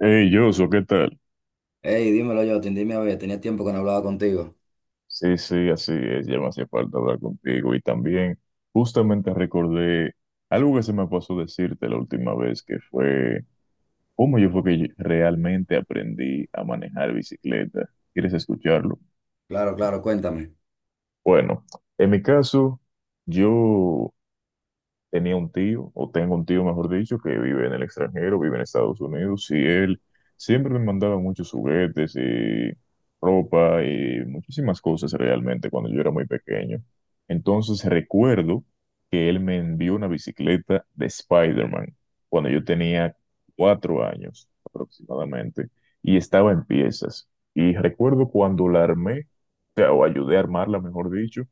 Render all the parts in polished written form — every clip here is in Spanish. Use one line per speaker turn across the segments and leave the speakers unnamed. Hey, Joshua, ¿qué tal?
Hey, dímelo, Jotin, dime, a ver, tenía tiempo que no hablaba contigo.
Sí, sí, así es, ya me hacía falta hablar contigo y también justamente recordé algo que se me pasó decirte la última vez, que fue cómo yo fue que yo realmente aprendí a manejar bicicleta. ¿Quieres escucharlo?
Claro, claro, cuéntame.
Bueno, en mi caso, yo tenía un tío, o tengo un tío, mejor dicho, que vive en el extranjero, vive en Estados Unidos, y él siempre me mandaba muchos juguetes y ropa y muchísimas cosas realmente cuando yo era muy pequeño. Entonces recuerdo que él me envió una bicicleta de Spider-Man cuando yo tenía 4 años aproximadamente y estaba en piezas. Y recuerdo cuando la armé, o sea, o ayudé a armarla, mejor dicho,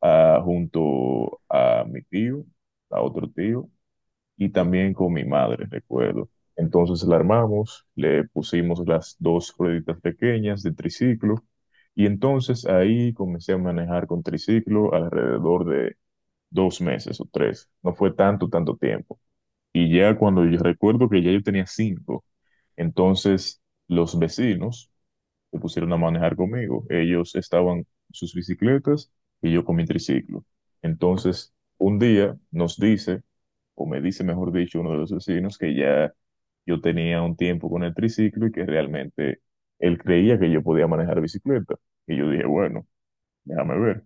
junto a mi tío, a otro tío, y también con mi madre, recuerdo. Entonces la armamos, le pusimos las dos rueditas pequeñas de triciclo y entonces ahí comencé a manejar con triciclo alrededor de 2 meses o 3. No fue tanto, tanto tiempo. Y ya cuando yo recuerdo que ya yo tenía 5, entonces los vecinos se pusieron a manejar conmigo. Ellos estaban en sus bicicletas y yo con mi triciclo. Entonces, un día nos dice, o me dice, mejor dicho, uno de los vecinos que ya yo tenía un tiempo con el triciclo y que realmente él creía que yo podía manejar bicicleta. Y yo dije, bueno, déjame ver.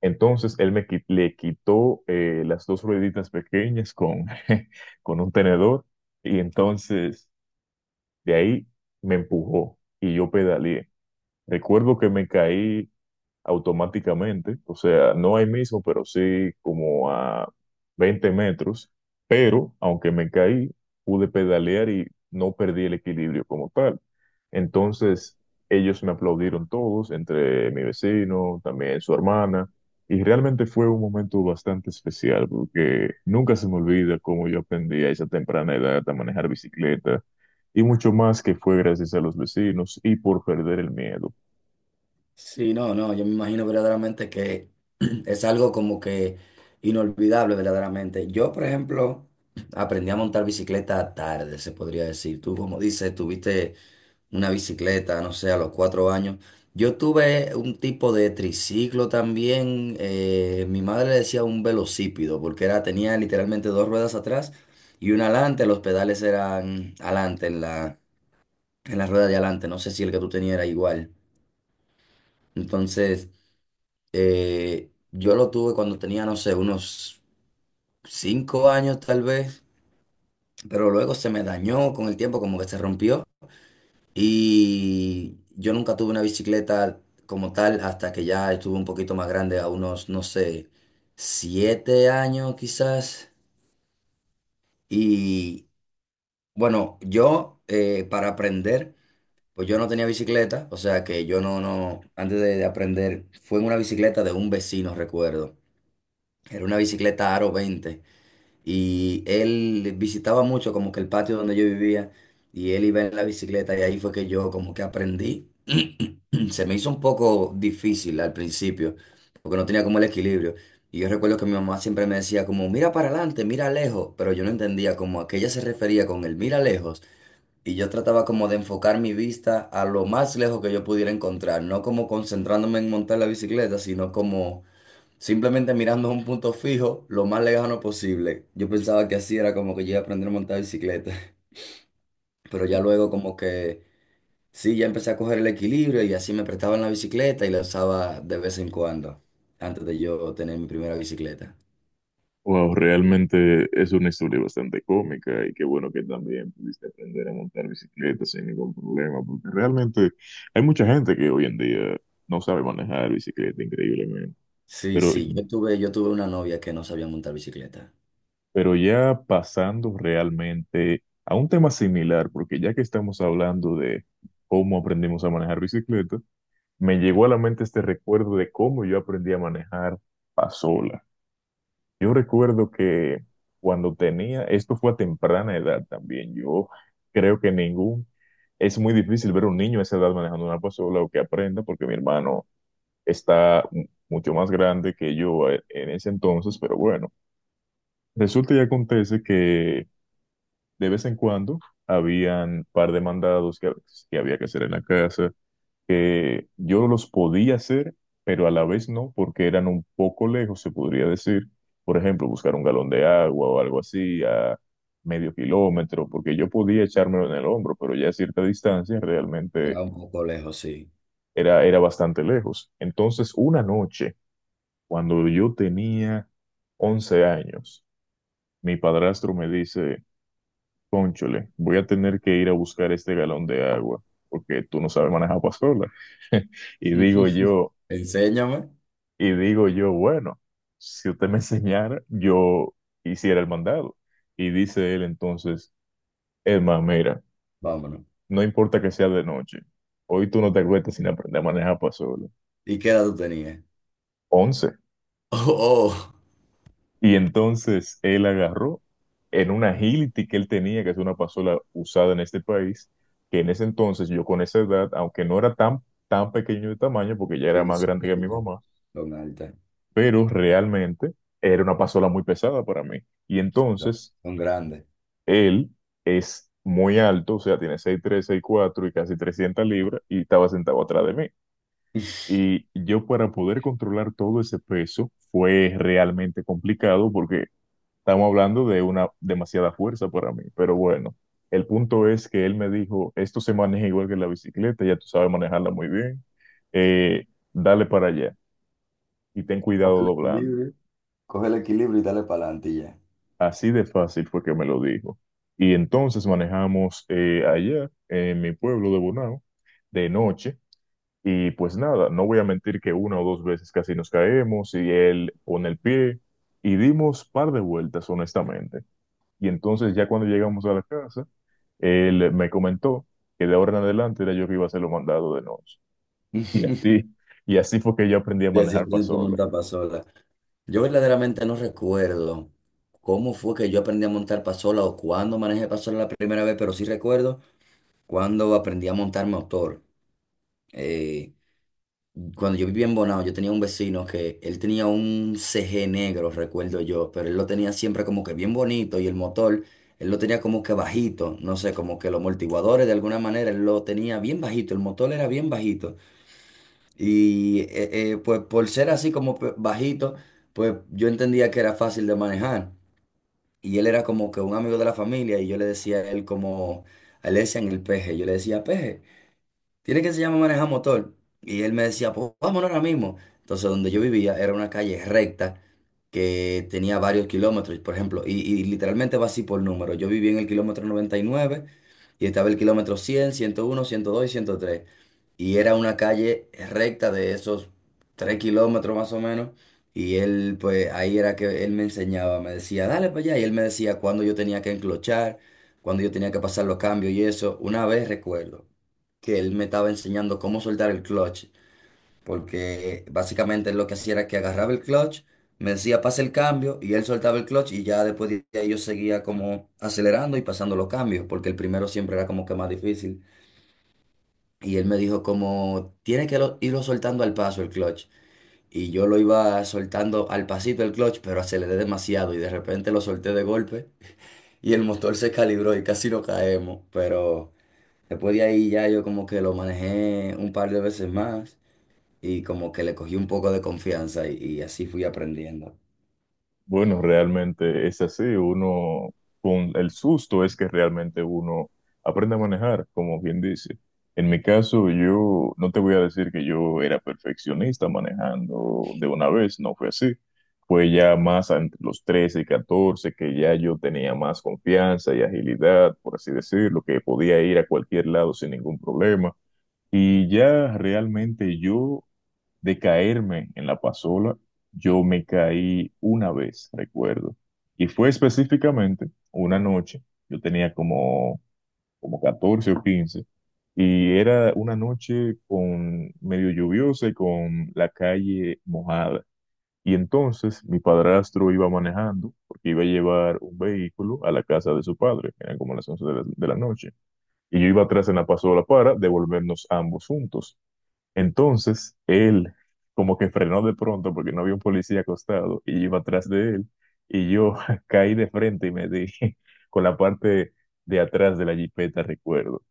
Entonces, él le quitó las dos rueditas pequeñas con con un tenedor y entonces de ahí me empujó y yo pedaleé. Recuerdo que me caí automáticamente, o sea, no ahí mismo, pero sí como a 20 metros, pero aunque me caí, pude pedalear y no perdí el equilibrio como tal. Entonces, ellos me aplaudieron todos, entre mi vecino, también su hermana, y realmente fue un momento bastante especial porque nunca se me olvida cómo yo aprendí a esa temprana edad a manejar bicicleta. Y mucho más que fue gracias a los vecinos y por perder el miedo.
Sí, no, no, yo me imagino verdaderamente que es algo como que inolvidable verdaderamente. Yo, por ejemplo, aprendí a montar bicicleta tarde, se podría decir. Tú, como dices, tuviste una bicicleta, no sé, a los cuatro años. Yo tuve un tipo de triciclo también. Mi madre le decía un velocípido, porque era, tenía literalmente dos ruedas atrás y una adelante. Los pedales eran adelante en la rueda de adelante. No sé si el que tú tenías era igual. Entonces, yo lo tuve cuando tenía, no sé, unos cinco años tal vez, pero luego se me dañó con el tiempo, como que se rompió. Y yo nunca tuve una bicicleta como tal hasta que ya estuve un poquito más grande, a unos, no sé, siete años quizás. Y bueno, yo para aprender... Pues yo no tenía bicicleta, o sea que yo no, antes de aprender, fue en una bicicleta de un vecino, recuerdo. Era una bicicleta Aro 20 y él visitaba mucho como que el patio donde yo vivía y él iba en la bicicleta y ahí fue que yo como que aprendí. Se me hizo un poco difícil al principio porque no tenía como el equilibrio. Y yo recuerdo que mi mamá siempre me decía como, mira para adelante, mira lejos, pero yo no entendía como a qué ella se refería con el mira lejos, y yo trataba como de enfocar mi vista a lo más lejos que yo pudiera encontrar, no como concentrándome en montar la bicicleta, sino como simplemente mirando a un punto fijo lo más lejano posible. Yo pensaba que así era como que yo iba a aprender a montar bicicleta, pero ya luego como que sí, ya empecé a coger el equilibrio y así me prestaban la bicicleta y la usaba de vez en cuando, antes de yo tener mi primera bicicleta.
Wow, realmente es una historia bastante cómica y qué bueno que también pudiste aprender a montar bicicleta sin ningún problema, porque realmente hay mucha gente que hoy en día no sabe manejar bicicleta increíblemente,
Sí,
pero,
sí, yo tuve una novia que no sabía montar bicicleta.
pero ya pasando realmente a un tema similar, porque ya que estamos hablando de cómo aprendimos a manejar bicicleta, me llegó a la mente este recuerdo de cómo yo aprendí a manejar pasola. Yo recuerdo que cuando tenía, esto fue a temprana edad también, yo creo que ningún, es muy difícil ver a un niño a esa edad manejando una pasola o que aprenda, porque mi hermano está mucho más grande que yo en ese entonces, pero bueno, resulta y acontece que de vez en cuando habían par de mandados que había que hacer en la casa que yo los podía hacer, pero a la vez no, porque eran un poco lejos, se podría decir. Por ejemplo, buscar un galón de agua o algo así a medio kilómetro, porque yo podía echármelo en el hombro, pero ya a cierta distancia realmente
Era un poco lejos, sí.
era, era bastante lejos. Entonces, una noche, cuando yo tenía 11 años, mi padrastro me dice: "Cónchole, voy a tener que ir a buscar este galón de agua, porque tú no sabes manejar pasola". Y digo yo,
Enséñame.
Y digo yo, bueno, si usted me enseñara, yo hiciera el mandado. Y dice él entonces: "Emma, mira,
Vámonos.
no importa que sea de noche, hoy tú no te acuestas sin aprender a manejar para solo".
¿Y qué edad tú tenías?
11.
Oh, oh.
Y entonces él agarró en una Agility que él tenía, que es una pasola usada en este país, que en ese entonces yo con esa edad, aunque no era tan, tan pequeño de tamaño, porque ya era
Sí,
más
son
grande que mi
altas.
mamá,
Son altas.
pero realmente era una pasola muy pesada para mí. Y
Son,
entonces
son grandes.
él es muy alto, o sea, tiene seis tres, seis cuatro y casi 300 libras y estaba sentado atrás de mí. Y yo para poder controlar todo ese peso fue realmente complicado porque estamos hablando de una demasiada fuerza para mí. Pero bueno, el punto es que él me dijo, esto se maneja igual que la bicicleta, ya tú sabes manejarla muy bien, eh, dale para allá y ten cuidado
Coge el
doblando.
equilibrio. Coge el equilibrio y dale para adelante y ya.
Así de fácil fue que me lo dijo. Y entonces manejamos allá, en mi pueblo de Bonao, de noche. Y pues nada, no voy a mentir que una o dos veces casi nos caemos y él pone el pie y dimos par de vueltas, honestamente. Y entonces ya cuando llegamos a la casa, él me comentó que de ahora en adelante era yo que iba a hacer lo mandado de noche. Y así, y así fue que yo aprendí a
Y así
manejar para
aprendí a
solo.
montar pasola. Yo verdaderamente no recuerdo cómo fue que yo aprendí a montar pasola o cuándo manejé pasola la primera vez, pero sí recuerdo cuando aprendí a montar motor. Eh, Cuando yo vivía en Bonao, yo tenía un vecino que él tenía un CG negro, recuerdo yo, pero él lo tenía siempre como que bien bonito y el motor, él lo tenía como que bajito, no sé, como que los amortiguadores de alguna manera, él lo tenía bien bajito, el motor era bien bajito. Y pues por ser así como bajito, pues yo entendía que era fácil de manejar. Y él era como que un amigo de la familia y yo le decía a él como, a él le decían el peje, yo le decía peje tiene que se llama manejar motor. Y él me decía, pues vámonos ahora mismo. Entonces, donde yo vivía era una calle recta que tenía varios kilómetros, por ejemplo, y literalmente va así por número. Yo vivía en el kilómetro 99 y nueve y estaba el kilómetro 100, 101, 102 y 103. Y era una calle recta de esos 3 kilómetros más o menos. Y él, pues ahí era que él me enseñaba, me decía, dale para allá. Y él me decía cuándo yo tenía que enclochar, cuándo yo tenía que pasar los cambios y eso. Una vez recuerdo que él me estaba enseñando cómo soltar el clutch, porque básicamente él lo que hacía era que agarraba el clutch, me decía pase el cambio y él soltaba el clutch y ya después de ahí yo seguía como acelerando y pasando los cambios, porque el primero siempre era como que más difícil. Y él me dijo como tiene que irlo soltando al paso el clutch. Y yo lo iba soltando al pasito el clutch, pero aceleré demasiado y de repente lo solté de golpe y el motor se calibró y casi no caemos. Pero después de ahí ya yo como que lo manejé un par de veces más y como que le cogí un poco de confianza y así fui aprendiendo.
Bueno, realmente es así. Uno, con el susto es que realmente uno aprende a manejar, como bien dice. En mi caso, yo no te voy a decir que yo era perfeccionista manejando de una vez, no fue así. Fue ya más entre los 13 y 14 que ya yo tenía más confianza y agilidad, por así decirlo, que podía ir a cualquier lado sin ningún problema. Y ya realmente yo de caerme en la pasola, yo me caí una vez, recuerdo. Y fue específicamente una noche, yo tenía como, como 14 o 15 y era una noche con medio lluviosa y con la calle mojada. Y entonces mi padrastro iba manejando porque iba a llevar un vehículo a la casa de su padre, que eran como las 11 de la, noche. Y yo iba atrás en la pasola para devolvernos ambos juntos. Entonces, él como que frenó de pronto porque no había un policía acostado y iba atrás de él y yo caí de frente y me di con la parte de atrás de la jipeta, recuerdo.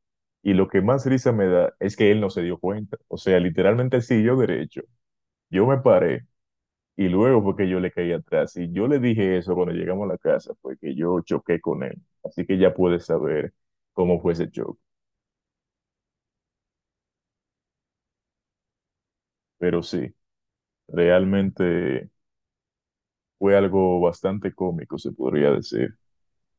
Y lo que más risa me da es que él no se dio cuenta. O sea, literalmente él siguió derecho. Yo me paré y luego fue que yo le caí atrás. Y yo le dije eso cuando llegamos a la casa, fue que yo choqué con él. Así que ya puedes saber cómo fue ese choque. Pero sí, realmente... fue algo bastante cómico, se podría decir.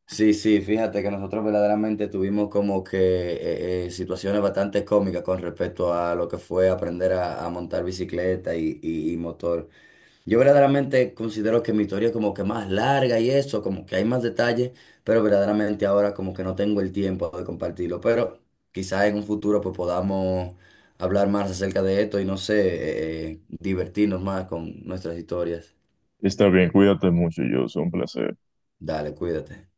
Sí, sí, fíjate que nosotros verdaderamente tuvimos como que situaciones bastante cómicas con respecto a lo que fue aprender a montar bicicleta y motor. Yo verdaderamente considero que mi historia es como que más larga y eso, como que hay más detalles, pero verdaderamente ahora como que no tengo el tiempo de compartirlo. Pero quizás en un futuro pues podamos hablar más acerca de esto y no sé, divertirnos más con nuestras historias.
Está bien, cuídate mucho, yo, un placer.
Dale, cuídate.